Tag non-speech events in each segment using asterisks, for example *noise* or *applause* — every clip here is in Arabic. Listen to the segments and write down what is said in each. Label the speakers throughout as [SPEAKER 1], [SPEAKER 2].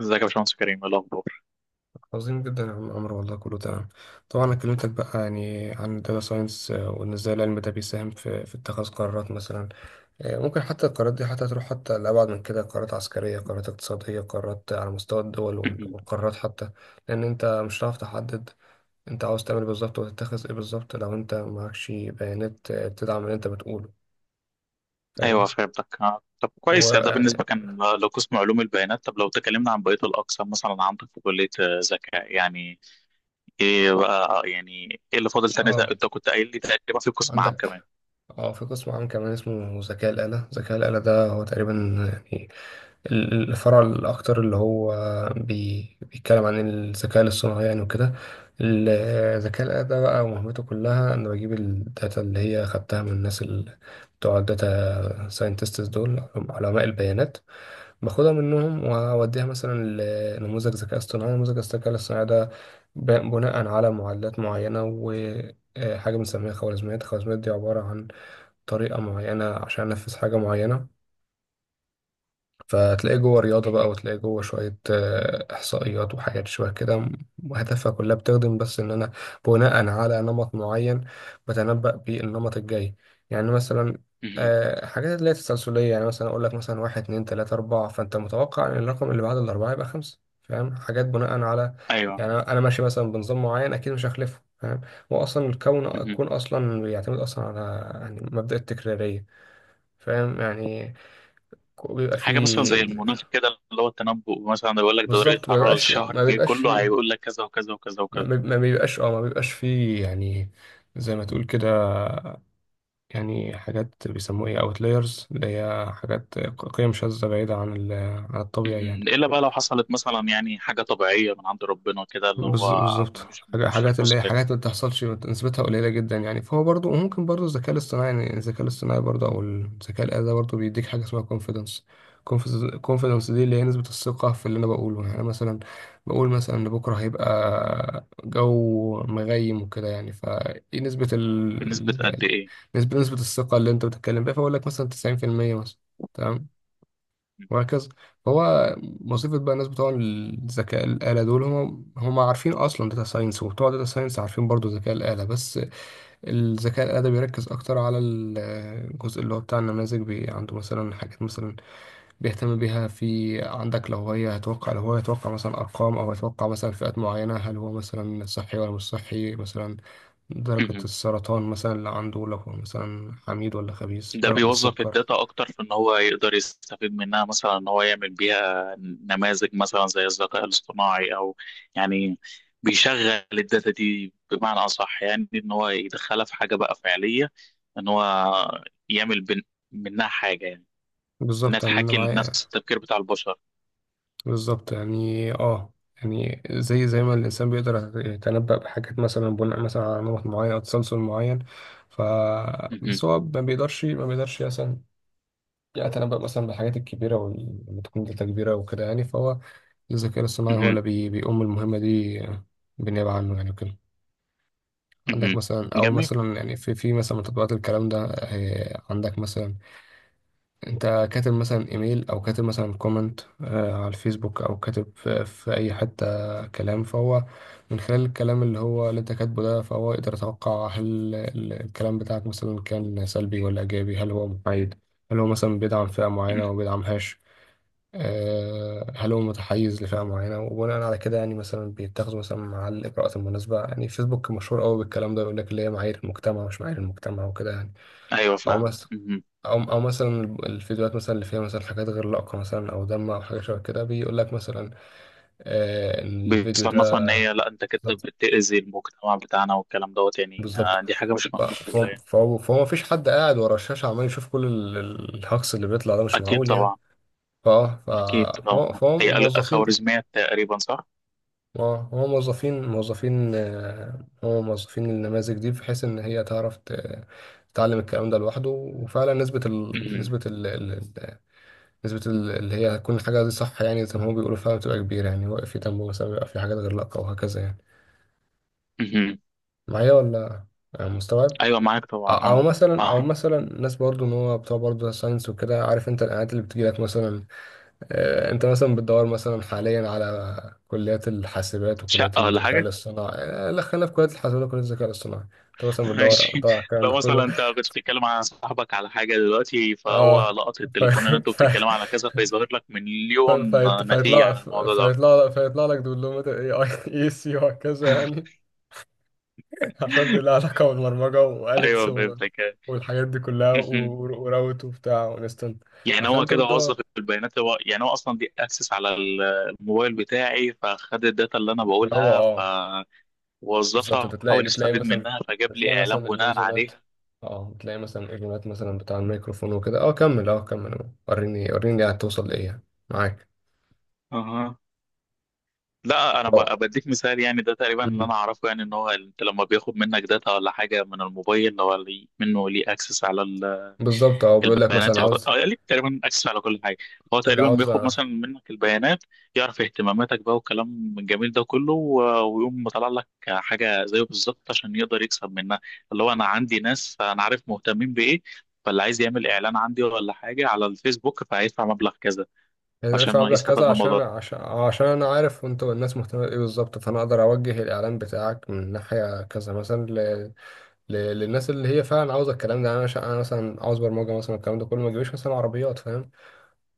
[SPEAKER 1] ازيك يا باشمهندس كريم، ايه الاخبار؟
[SPEAKER 2] عظيم جدا يا عم عمرو، والله كله تمام. طبعا انا كلمتك بقى يعني عن الداتا ساينس، وان ازاي العلم ده بيساهم في اتخاذ قرارات مثلا. ممكن حتى القرارات دي حتى تروح حتى لأبعد من كده، قرارات عسكرية، قرارات اقتصادية، قرارات على مستوى الدول،
[SPEAKER 1] *laughs*
[SPEAKER 2] والقرارات حتى، لأن أنت مش هتعرف تحدد أنت عاوز تعمل إيه بالظبط وتتخذ إيه بالظبط لو أنت معكش بيانات تدعم اللي أنت بتقوله.
[SPEAKER 1] ايوه
[SPEAKER 2] فاهم.
[SPEAKER 1] فهمتك. طب كويس، يعني ده
[SPEAKER 2] ويعني
[SPEAKER 1] بالنسبه كان لو قسم علوم البيانات. طب لو تكلمنا عن بقيه الاقسام مثلا، عندك في كليه ذكاء، يعني ايه بقى يعني، ايه اللي فاضل تاني؟
[SPEAKER 2] آه
[SPEAKER 1] انت كنت قايل لي تقريبا في قسم عام كمان.
[SPEAKER 2] عندك اه في قسم عام كمان اسمه ذكاء الآلة. ذكاء الآلة ده هو تقريبا يعني الفرع الأكتر اللي هو بيتكلم عن الذكاء الاصطناعي يعني وكده. الذكاء ده بقى مهمته كلها إنه بجيب الداتا اللي هي خدتها من الناس اللي بتوع الداتا ساينتستس دول، علماء البيانات. باخدها منهم وأوديها مثلا لنموذج ذكاء اصطناعي. نموذج الذكاء الاصطناعي ده بناء على معادلات معينة وحاجة بنسميها خوارزميات. الخوارزميات دي عبارة عن طريقة معينة عشان أنفذ حاجة معينة. فتلاقيه جوه رياضة بقى،
[SPEAKER 1] مهم.
[SPEAKER 2] وتلاقيه جوه شوية إحصائيات وحاجات شوية كده، وهدفها كلها بتخدم بس إن أنا بناء على نمط معين بتنبأ بيه النمط الجاي. يعني مثلا
[SPEAKER 1] مهم.
[SPEAKER 2] حاجات اللي هي التسلسلية، يعني مثلا أقول لك مثلا واحد اتنين تلاتة أربعة، فأنت متوقع إن الرقم اللي بعد الأربعة يبقى خمسة. فاهم، حاجات بناء على
[SPEAKER 1] ايوه.
[SPEAKER 2] يعني أنا ماشي مثلا بنظام معين أكيد مش هخلفه. فاهم. هو أصلا الكون
[SPEAKER 1] مهم.
[SPEAKER 2] الكون أصلا بيعتمد أصلا على يعني مبدأ التكرارية. فاهم يعني بيبقى
[SPEAKER 1] حاجه مثلا
[SPEAKER 2] فيه.
[SPEAKER 1] زي المناخ كده، اللي هو التنبؤ، مثلا يقول لك ده درجه
[SPEAKER 2] بالظبط، ما
[SPEAKER 1] حراره
[SPEAKER 2] بيبقاش
[SPEAKER 1] الشهر
[SPEAKER 2] ما
[SPEAKER 1] الجاي
[SPEAKER 2] بيبقاش
[SPEAKER 1] كله
[SPEAKER 2] فيه.
[SPEAKER 1] هيقول لك كذا وكذا وكذا
[SPEAKER 2] ما
[SPEAKER 1] وكذا.
[SPEAKER 2] بيب- ما بيبقاش اه ما بيبقاش فيه يعني، زي ما تقول كده. يعني حاجات بيسموها ايه، اوتلايرز، اللي هي حاجات قيم شاذة بعيدة عن عن الطبيعي يعني.
[SPEAKER 1] مهم. الا بقى لو حصلت مثلا يعني حاجه طبيعيه من عند ربنا كده، اللي هو
[SPEAKER 2] بالظبط.
[SPEAKER 1] مش مش في
[SPEAKER 2] حاجات اللي هي
[SPEAKER 1] الحسبان.
[SPEAKER 2] حاجات ما بتحصلش نسبتها قليلة جدا يعني. فهو برضو، وممكن برضو الذكاء الاصطناعي يعني، الذكاء الآلي ده برضو بيديك حاجة اسمها confidence. confidence دي اللي هي نسبة الثقة في اللي أنا بقوله، يعني أنا مثلا بقول مثلا إن بكرة هيبقى جو مغيم وكده يعني. فإيه نسبة
[SPEAKER 1] بنسبة قد إيه؟
[SPEAKER 2] نسبة الثقة اللي أنت بتتكلم بيها. فأقول لك مثلا 90% مثلا. تمام. وهكذا. فهو مصيبة بقى. الناس بتوع الذكاء الآلة دول هم عارفين أصلا داتا ساينس، وبتوع داتا ساينس عارفين برضو ذكاء الآلة، بس الذكاء الآلة ده بيركز أكتر على الجزء اللي هو بتاع النماذج. بي عنده مثلا حاجات مثلا بيهتم بيها، في عندك لو هي هتوقع لو هو يتوقع مثلا أرقام، أو يتوقع مثلا فئات معينة، هل هو مثلا صحي ولا مش صحي مثلا، درجة
[SPEAKER 1] مهم.
[SPEAKER 2] السرطان مثلا اللي عنده لو هو مثلا حميد ولا خبيث،
[SPEAKER 1] ده
[SPEAKER 2] درجة
[SPEAKER 1] بيوظف
[SPEAKER 2] السكر.
[SPEAKER 1] الداتا أكتر، في إن هو يقدر يستفيد منها، مثلا إن هو يعمل بيها نماذج مثلا زي الذكاء الاصطناعي. أو يعني بيشغل الداتا دي بمعنى أصح، يعني إن هو يدخلها في حاجة بقى فعلية، إن هو يعمل منها حاجة، يعني إنها
[SPEAKER 2] بالظبط يعني أنا
[SPEAKER 1] تحاكي نفس
[SPEAKER 2] معايا.
[SPEAKER 1] التفكير بتاع البشر.
[SPEAKER 2] بالظبط يعني اه، يعني زي ما الإنسان بيقدر يتنبأ بحاجات مثلا بناء مثلا على نمط معين أو تسلسل معين. ف
[SPEAKER 1] مهم.
[SPEAKER 2] بس هو ما بيقدرش مثلا يتنبأ مثلا بالحاجات الكبيرة واللي تكون داتا كبيرة وكده يعني. فهو الذكاء الاصطناعي هو
[SPEAKER 1] مهم.
[SPEAKER 2] اللي بيقوم المهمة دي بالنيابة عنه يعني وكده.
[SPEAKER 1] مهم.
[SPEAKER 2] عندك مثلا، أو
[SPEAKER 1] جميل.
[SPEAKER 2] مثلا يعني في مثلا من تطبيقات الكلام ده، عندك مثلا انت كاتب مثلا ايميل، او كاتب مثلا كومنت على الفيسبوك، او كاتب في اي حتة كلام. فهو من خلال الكلام اللي هو اللي انت كاتبه ده، فهو يقدر يتوقع هل الكلام بتاعك مثلا كان سلبي ولا ايجابي، هل هو محايد، هل هو مثلا بيدعم فئة معينة وما
[SPEAKER 1] مهم.
[SPEAKER 2] بيدعمهاش، هل هو متحيز لفئة معينة. وبناء على كده يعني مثلا بيتاخدوا مثلا مع الإجراءات المناسبة يعني. فيسبوك مشهور قوي بالكلام ده، يقول لك اللي هي معايير المجتمع مش معايير المجتمع وكده يعني.
[SPEAKER 1] أيوه،
[SPEAKER 2] أو
[SPEAKER 1] فاهم.
[SPEAKER 2] مثلا، او مثلا الفيديوهات مثلا اللي فيها مثلا حاجات غير لائقه مثلا او دم او حاجه شبه كده، بيقول لك مثلا آه ان الفيديو ده.
[SPEAKER 1] بيصنفها ان هي، لا انت كده
[SPEAKER 2] بالظبط.
[SPEAKER 1] بتأذي المجتمع بتاعنا والكلام دوت، يعني
[SPEAKER 2] بالظبط.
[SPEAKER 1] دي حاجة مش
[SPEAKER 2] ف-
[SPEAKER 1] مقبولة
[SPEAKER 2] فهو
[SPEAKER 1] يعني.
[SPEAKER 2] فهو فهو مفيش حد قاعد ورا الشاشه عمال يشوف كل الهجص اللي بيطلع ده، مش
[SPEAKER 1] اكيد
[SPEAKER 2] معقول يعني.
[SPEAKER 1] طبعا.
[SPEAKER 2] فاه ف-
[SPEAKER 1] اكيد، اه.
[SPEAKER 2] فهو فهو
[SPEAKER 1] هي
[SPEAKER 2] موظفين.
[SPEAKER 1] خوارزميات تقريبا، صح؟
[SPEAKER 2] اه هو موظفين هو موظفين النماذج دي بحيث ان هي تعرف تتعلم الكلام ده لوحده. وفعلا نسبه ال...
[SPEAKER 1] مهم.
[SPEAKER 2] نسبه نسبة ال- اللي هي هتكون الحاجة دي صح، يعني زي ما هو بيقولوا فعلا بتبقى كبيرة يعني. واقف في دم مثلا بيبقى في حاجات غير لائقة، وهكذا يعني.
[SPEAKER 1] مهم.
[SPEAKER 2] معايا ولا مستوعب؟
[SPEAKER 1] ايوه، معاك
[SPEAKER 2] أو
[SPEAKER 1] طبعا،
[SPEAKER 2] أو
[SPEAKER 1] اه،
[SPEAKER 2] مثلا
[SPEAKER 1] اه.
[SPEAKER 2] أو مثلا الناس برضو إن هو بتوع برضو ساينس وكده، عارف أنت الإعلانات اللي بتجيلك مثلا؟ أنت مثلا بتدور مثلا حاليا على كليات الحاسبات وكليات
[SPEAKER 1] شقة ولا
[SPEAKER 2] الذكاء
[SPEAKER 1] حاجة؟
[SPEAKER 2] الاصطناعي، لا خلينا في كليات الحاسبات وكليات الذكاء الاصطناعي. أنت مثلا
[SPEAKER 1] *laughs*
[SPEAKER 2] بتدور
[SPEAKER 1] ماشي.
[SPEAKER 2] بتدور على الكلام ده
[SPEAKER 1] لو مثلا
[SPEAKER 2] كله.
[SPEAKER 1] انت كنت بتتكلم عن صاحبك على حاجة دلوقتي، فهو
[SPEAKER 2] أه
[SPEAKER 1] لقط
[SPEAKER 2] ف...
[SPEAKER 1] التليفون ان انتوا
[SPEAKER 2] *laughs* ف...
[SPEAKER 1] بتتكلموا على كذا، فيظهر لك
[SPEAKER 2] ف-
[SPEAKER 1] مليون
[SPEAKER 2] فهيط-
[SPEAKER 1] نتيجة
[SPEAKER 2] فهيطلع
[SPEAKER 1] عن
[SPEAKER 2] ف-
[SPEAKER 1] الموضوع ده.
[SPEAKER 2] فهيطلع فهيطلع لك دبلومة الاي اي اي سي وهكذا يعني. *laughs* عشان دي لها
[SPEAKER 1] *laughs*
[SPEAKER 2] علاقة بالبرمجة واليكس
[SPEAKER 1] ايوه فهمتك.
[SPEAKER 2] والحاجات دي كلها
[SPEAKER 1] مهم.
[SPEAKER 2] وراوت وبتاع وانستنت.
[SPEAKER 1] يعني
[SPEAKER 2] عشان
[SPEAKER 1] هو
[SPEAKER 2] انت
[SPEAKER 1] كده
[SPEAKER 2] بتدور.
[SPEAKER 1] وظف البيانات، هو يعني هو اصلا دي اكسس على الموبايل بتاعي، فخد الداتا اللي انا
[SPEAKER 2] هو
[SPEAKER 1] بقولها،
[SPEAKER 2] اه بالظبط. انت
[SPEAKER 1] فوظفها،
[SPEAKER 2] تلاقي
[SPEAKER 1] حاول
[SPEAKER 2] بتلاقي
[SPEAKER 1] يستفيد
[SPEAKER 2] مثلا
[SPEAKER 1] منها، فجاب
[SPEAKER 2] بتلاقي
[SPEAKER 1] لي اعلان
[SPEAKER 2] مثلا
[SPEAKER 1] بناء
[SPEAKER 2] الاذونات.
[SPEAKER 1] عليها.
[SPEAKER 2] اه بتلاقي مثلا الاذونات مثلا بتاع الميكروفون وكده. اه كمل، اه كمل، وريني وريني هتوصل لايه يعني. معاك.
[SPEAKER 1] اها. لا انا
[SPEAKER 2] اه
[SPEAKER 1] بديك مثال يعني، ده تقريبا اللي
[SPEAKER 2] مم.
[SPEAKER 1] انا اعرفه، يعني ان هو انت لما بياخد منك داتا ولا حاجه من الموبايل، هو منه ليه اكسس على
[SPEAKER 2] بالظبط اه بيقول لك
[SPEAKER 1] البيانات،
[SPEAKER 2] مثلا
[SPEAKER 1] يعتبر
[SPEAKER 2] عاوز
[SPEAKER 1] اه ليك تقريبا اكسس على كل حاجه. هو
[SPEAKER 2] اللي
[SPEAKER 1] تقريبا
[SPEAKER 2] عاوز،
[SPEAKER 1] بياخد مثلا منك البيانات، يعرف اهتماماتك بقى والكلام الجميل ده كله، ويقوم مطلع لك حاجه زيه بالظبط، عشان يقدر يكسب منها. اللي هو انا عندي ناس انا عارف مهتمين بايه، فاللي عايز يعمل اعلان عندي ولا حاجه على الفيسبوك فهيدفع مبلغ كذا،
[SPEAKER 2] يعني
[SPEAKER 1] عشان
[SPEAKER 2] ادفع
[SPEAKER 1] هو
[SPEAKER 2] مبلغ
[SPEAKER 1] يستفاد
[SPEAKER 2] كذا
[SPEAKER 1] من الموضوع
[SPEAKER 2] عشان
[SPEAKER 1] ده.
[SPEAKER 2] عشان انا عارف انتوا الناس مهتمه بايه بالظبط. فانا اقدر اوجه الاعلان بتاعك من ناحيه كذا مثلا للناس اللي هي فعلا عاوزه الكلام ده يعني. انا مثلا عاوز برمجه مثلا، الكلام ده كله ما يجيبليش مثلا عربيات. فاهم.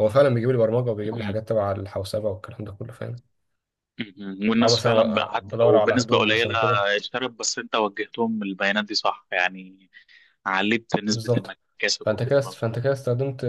[SPEAKER 2] هو فعلا بيجيب لي برمجه وبيجيب لي
[SPEAKER 1] م-
[SPEAKER 2] حاجات تبع الحوسبه والكلام ده كله. فاهم. او
[SPEAKER 1] والناس فعلا بقى،
[SPEAKER 2] مثلا
[SPEAKER 1] حتى
[SPEAKER 2] بدور
[SPEAKER 1] لو
[SPEAKER 2] على
[SPEAKER 1] بنسبه
[SPEAKER 2] هدوم مثلا
[SPEAKER 1] قليله
[SPEAKER 2] وكده.
[SPEAKER 1] اشترت، بس انت وجهتهم البيانات دي، صح يعني، علبت نسبه
[SPEAKER 2] بالظبط،
[SPEAKER 1] المكاسب
[SPEAKER 2] فانت
[SPEAKER 1] وكده
[SPEAKER 2] كده
[SPEAKER 1] برضه.
[SPEAKER 2] فانت كده استخدمت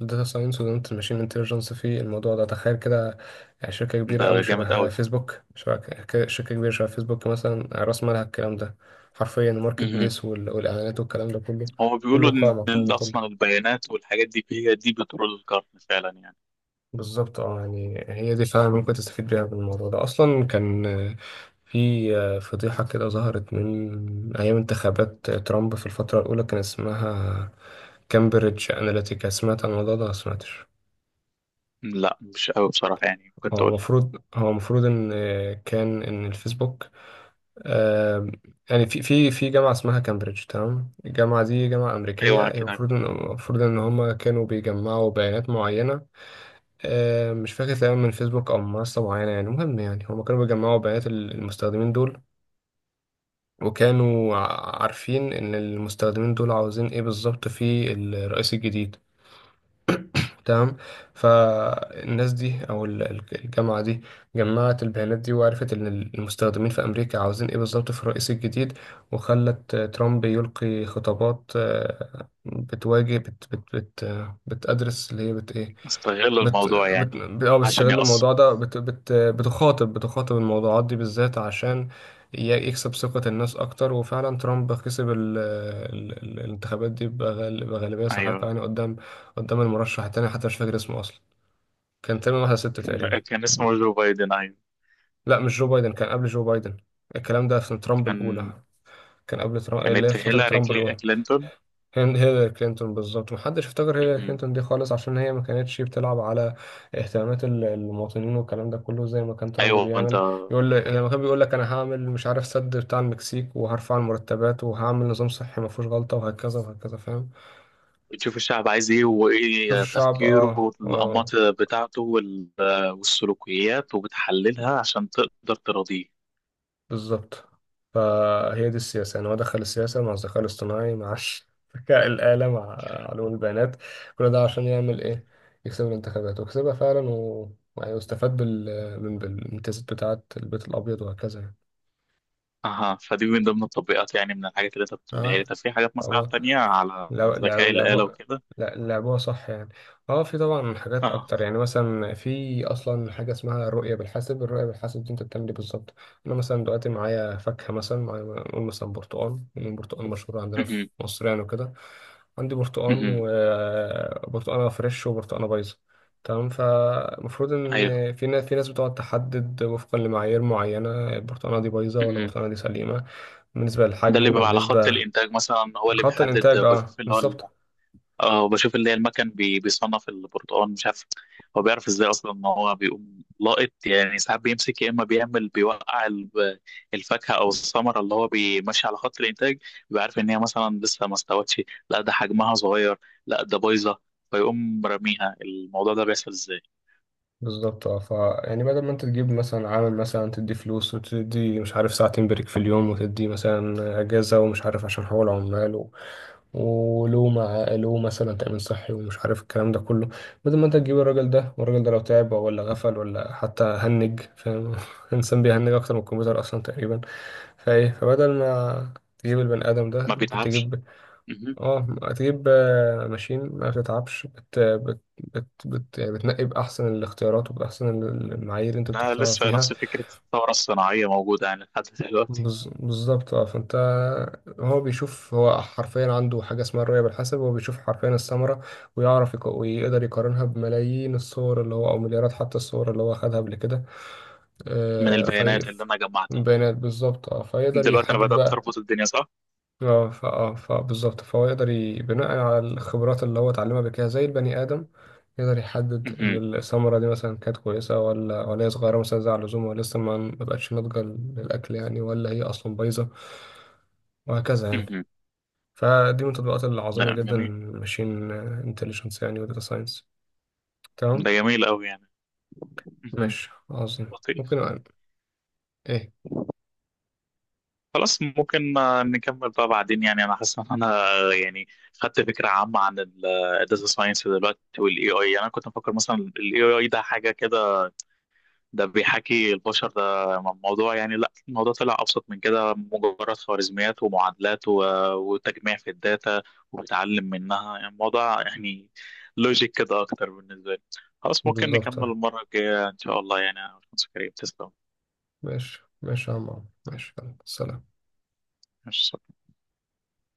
[SPEAKER 2] الداتا ساينس وستخدمت الماشين انتليجنس في الموضوع ده. تخيل كده، يعني شركه كبيره
[SPEAKER 1] ده
[SPEAKER 2] قوي
[SPEAKER 1] جامد
[SPEAKER 2] شبه
[SPEAKER 1] قوي.
[SPEAKER 2] فيسبوك، شركه كبيره شبه فيسبوك مثلا، راس مالها الكلام ده، حرفيا الماركت
[SPEAKER 1] مهم.
[SPEAKER 2] بليس والاعلانات والكلام ده كله.
[SPEAKER 1] هو بيقولوا
[SPEAKER 2] كله
[SPEAKER 1] ان
[SPEAKER 2] قائم على الكلام ده كله.
[SPEAKER 1] اصلا البيانات والحاجات دي هي دي بترول القرن فعلا يعني.
[SPEAKER 2] بالظبط اه، يعني هي دي فعلا ممكن تستفيد بيها من الموضوع ده. اصلا كان في فضيحه كده ظهرت من ايام انتخابات ترامب في الفتره الاولى، كان اسمها كامبريدج أناليتيكا. سمعت عن الموضوع ده ولا سمعتش؟
[SPEAKER 1] لا مش قوي بصراحه، يعني ممكن
[SPEAKER 2] هو
[SPEAKER 1] تقول لي.
[SPEAKER 2] المفروض هو المفروض ان كان ان الفيسبوك آه، يعني في جامعه اسمها كامبريدج. تمام. الجامعه دي جامعه امريكيه،
[SPEAKER 1] ايوه
[SPEAKER 2] هي
[SPEAKER 1] كده.
[SPEAKER 2] المفروض ان هم كانوا بيجمعوا بيانات معينه، مش فاكر تقريبا من فيسبوك او من منصه معينه يعني. المهم يعني هم كانوا بيجمعوا بيانات المستخدمين دول، وكانوا عارفين ان المستخدمين دول عاوزين ايه بالظبط في الرئيس الجديد. تمام. فالناس دي او الجامعه دي جمعت البيانات دي، وعرفت ان المستخدمين في امريكا عاوزين ايه بالظبط في الرئيس الجديد. وخلت ترامب يلقي خطابات بتواجه بت بت بت آه، بتأدرس اللي هي بت ايه
[SPEAKER 1] استغلوا
[SPEAKER 2] بت
[SPEAKER 1] الموضوع يعني.
[SPEAKER 2] بت اه
[SPEAKER 1] عشان
[SPEAKER 2] بيستغل
[SPEAKER 1] يقص.
[SPEAKER 2] الموضوع ده بت بت بتخاطب الموضوعات دي بالذات عشان يكسب ثقة الناس أكتر. وفعلا ترامب كسب الانتخابات دي بغالبية ساحقة
[SPEAKER 1] ايوه.
[SPEAKER 2] يعني قدام المرشح التاني، حتى مش فاكر اسمه أصلا. كان تقريبا واحد ستة تقريبا.
[SPEAKER 1] *laughs* كان اسمه جو بايدن، ايوه.
[SPEAKER 2] لا مش جو بايدن، كان قبل جو بايدن. الكلام ده في ترامب
[SPEAKER 1] كان
[SPEAKER 2] الأولى. كان قبل ترامب اللي هي
[SPEAKER 1] كانت
[SPEAKER 2] في فترة
[SPEAKER 1] هيلاري
[SPEAKER 2] ترامب الأولى.
[SPEAKER 1] كلينتون.
[SPEAKER 2] كان هيلاري كلينتون بالظبط. محدش افتكر هيلاري
[SPEAKER 1] مهم.
[SPEAKER 2] كلينتون دي خالص عشان هي ما كانتش بتلعب على اهتمامات المواطنين والكلام ده كله زي ما كان ترامب
[SPEAKER 1] ايوه. انت
[SPEAKER 2] بيعمل. يقول لك لما كان بيقول لك انا هعمل مش عارف سد بتاع المكسيك، وهرفع المرتبات، وهعمل نظام صحي ما فيهوش غلطة، وهكذا وهكذا. فاهم.
[SPEAKER 1] بتشوف الشعب عايز ايه
[SPEAKER 2] شوف
[SPEAKER 1] وايه
[SPEAKER 2] الشعب
[SPEAKER 1] تفكيره
[SPEAKER 2] اه آه.
[SPEAKER 1] والانماط بتاعته، والسلوكيات، وبتحللها عشان تقدر ترضيه.
[SPEAKER 2] بالظبط. فهي دي السياسة يعني، هو دخل السياسة مع الذكاء الاصطناعي، مع *laughs* ذكاء الآلة، مع علوم البيانات. كل ده عشان يعمل إيه، يكسب الانتخابات. وكسبها فعلا، ويستفاد من بالامتيازات بتاعة البيت الأبيض وهكذا يعني.
[SPEAKER 1] اها. فدي من ضمن التطبيقات يعني، من الحاجات اللي انت بتقولها لي. طب في حاجات مثلا
[SPEAKER 2] اه
[SPEAKER 1] تانية على
[SPEAKER 2] لو
[SPEAKER 1] ذكاء الآلة
[SPEAKER 2] لعبوها.
[SPEAKER 1] وكده؟
[SPEAKER 2] لا لعبوها صح يعني. اه في طبعا حاجات
[SPEAKER 1] اه.
[SPEAKER 2] اكتر يعني. مثلا في اصلا حاجه اسمها الرؤيه بالحاسب. الرؤيه بالحاسب دي انت بتعمل ايه بالظبط؟ انا مثلا دلوقتي معايا فاكهه مثلا، معايا نقول مثلا برتقال، لان البرتقال مشهور عندنا في
[SPEAKER 1] مهم.
[SPEAKER 2] مصر يعني وكده. عندي برتقال،
[SPEAKER 1] مهم.
[SPEAKER 2] وبرتقاله فريش وبرتقاله بايظه. تمام. فالمفروض
[SPEAKER 1] ايوه.
[SPEAKER 2] ان في ناس بتقعد تحدد وفقا لمعايير معينه البرتقاله دي بايظه ولا
[SPEAKER 1] مهم.
[SPEAKER 2] البرتقاله دي سليمه، بالنسبه
[SPEAKER 1] ده
[SPEAKER 2] للحجم
[SPEAKER 1] اللي بيبقى على خط
[SPEAKER 2] وبالنسبه
[SPEAKER 1] الانتاج مثلا، هو اللي
[SPEAKER 2] لخط
[SPEAKER 1] بيحدد،
[SPEAKER 2] الانتاج. اه
[SPEAKER 1] بشوف اللي
[SPEAKER 2] بالظبط.
[SPEAKER 1] هو اه وبشوف اللي هي المكن بيصنف البرتقال، مش عارف هو بيعرف ازاي اصلا ان هو بيقوم لاقط. يعني ساعات بيمسك، يا اما بيعمل بيوقع الفاكهه او الثمره اللي هو بيمشي على خط الانتاج، بيبقى عارف ان هي مثلا لسه ما استوتش، لا ده حجمها صغير، لا ده بايظه، فيقوم راميها. الموضوع ده بيحصل ازاي؟
[SPEAKER 2] بالظبط اه ف، يعني بدل ما انت تجيب مثلا عامل مثلا، تدي فلوس وتدي مش عارف ساعتين بريك في اليوم وتدي مثلا اجازه ومش عارف عشان حقوق العمال ولو مع له مثلا تامين صحي ومش عارف الكلام ده كله، بدل ما انت تجيب الراجل ده، والراجل ده لو تعب ولا غفل ولا حتى هنج، فاهم؟ *laughs* الانسان بيهنج اكتر من الكمبيوتر اصلا تقريبا. فايه، فبدل ما تجيب البني ادم
[SPEAKER 1] ما
[SPEAKER 2] ده ممكن
[SPEAKER 1] بيتعبش.
[SPEAKER 2] تجيب،
[SPEAKER 1] مهم.
[SPEAKER 2] اه هتجيب ماشين ما بتتعبش، بت بت بت, بت يعني بتنقي بأحسن الاختيارات وبأحسن المعايير اللي انت
[SPEAKER 1] لا،
[SPEAKER 2] بتختارها
[SPEAKER 1] لسه
[SPEAKER 2] فيها.
[SPEAKER 1] نفس فكره الثوره الصناعيه موجوده يعني لحد دلوقتي.
[SPEAKER 2] بالظبط. اه فانت. هو بيشوف، هو حرفيا عنده حاجة اسمها الرؤية بالحسب. هو بيشوف حرفيا الثمرة، ويعرف ويقدر يقارنها بملايين الصور اللي هو، أو مليارات حتى الصور اللي هو خدها قبل كده
[SPEAKER 1] من
[SPEAKER 2] في
[SPEAKER 1] البيانات اللي انا جمعتها.
[SPEAKER 2] بيانات. بالظبط اه فيقدر
[SPEAKER 1] دلوقتي انا
[SPEAKER 2] يحدد
[SPEAKER 1] بدات
[SPEAKER 2] بقى.
[SPEAKER 1] اربط الدنيا، صح.
[SPEAKER 2] بالظبط. فهو يقدر بناء على الخبرات اللي هو اتعلمها قبل كده زي البني آدم، يقدر يحدد
[SPEAKER 1] مهم.
[SPEAKER 2] إن الثمرة دي مثلا كانت كويسة، ولا هي صغيرة مثلا زي على اللزوم، ولا لسه ما بقتش ناضجة للأكل يعني، ولا هي أصلا بايظة، وهكذا يعني.
[SPEAKER 1] مهم.
[SPEAKER 2] فدي من التطبيقات العظيمة
[SPEAKER 1] لا،
[SPEAKER 2] جدا،
[SPEAKER 1] جميل.
[SPEAKER 2] ماشين انتليجنس يعني وداتا ساينس.
[SPEAKER 1] ده
[SPEAKER 2] تمام.
[SPEAKER 1] جميل قوي يعني. مهم.
[SPEAKER 2] ماشي عظيم، ممكن
[SPEAKER 1] لطيف.
[SPEAKER 2] أقل. ايه.
[SPEAKER 1] خلاص، ممكن نكمل بقى بعدين يعني. انا حاسس ان انا يعني خدت فكره عامه عن الداتا ساينس دلوقتي والاي اي، انا كنت مفكر مثلا الاي اي ده حاجه كده، ده بيحاكي البشر، ده موضوع يعني. لا، الموضوع طلع ابسط من كده، مجرد خوارزميات ومعادلات وتجميع في الداتا، وبتعلم منها يعني. الموضوع يعني لوجيك كده اكتر بالنسبه لي. خلاص، ممكن
[SPEAKER 2] بالظبط.
[SPEAKER 1] نكمل المره الجايه ان شاء الله يعني. يا باشمهندس كريم، تسلم.
[SPEAKER 2] ماشي ماشي يا عم عمرو. ماشي يلا. سلام.
[SPEAKER 1] مش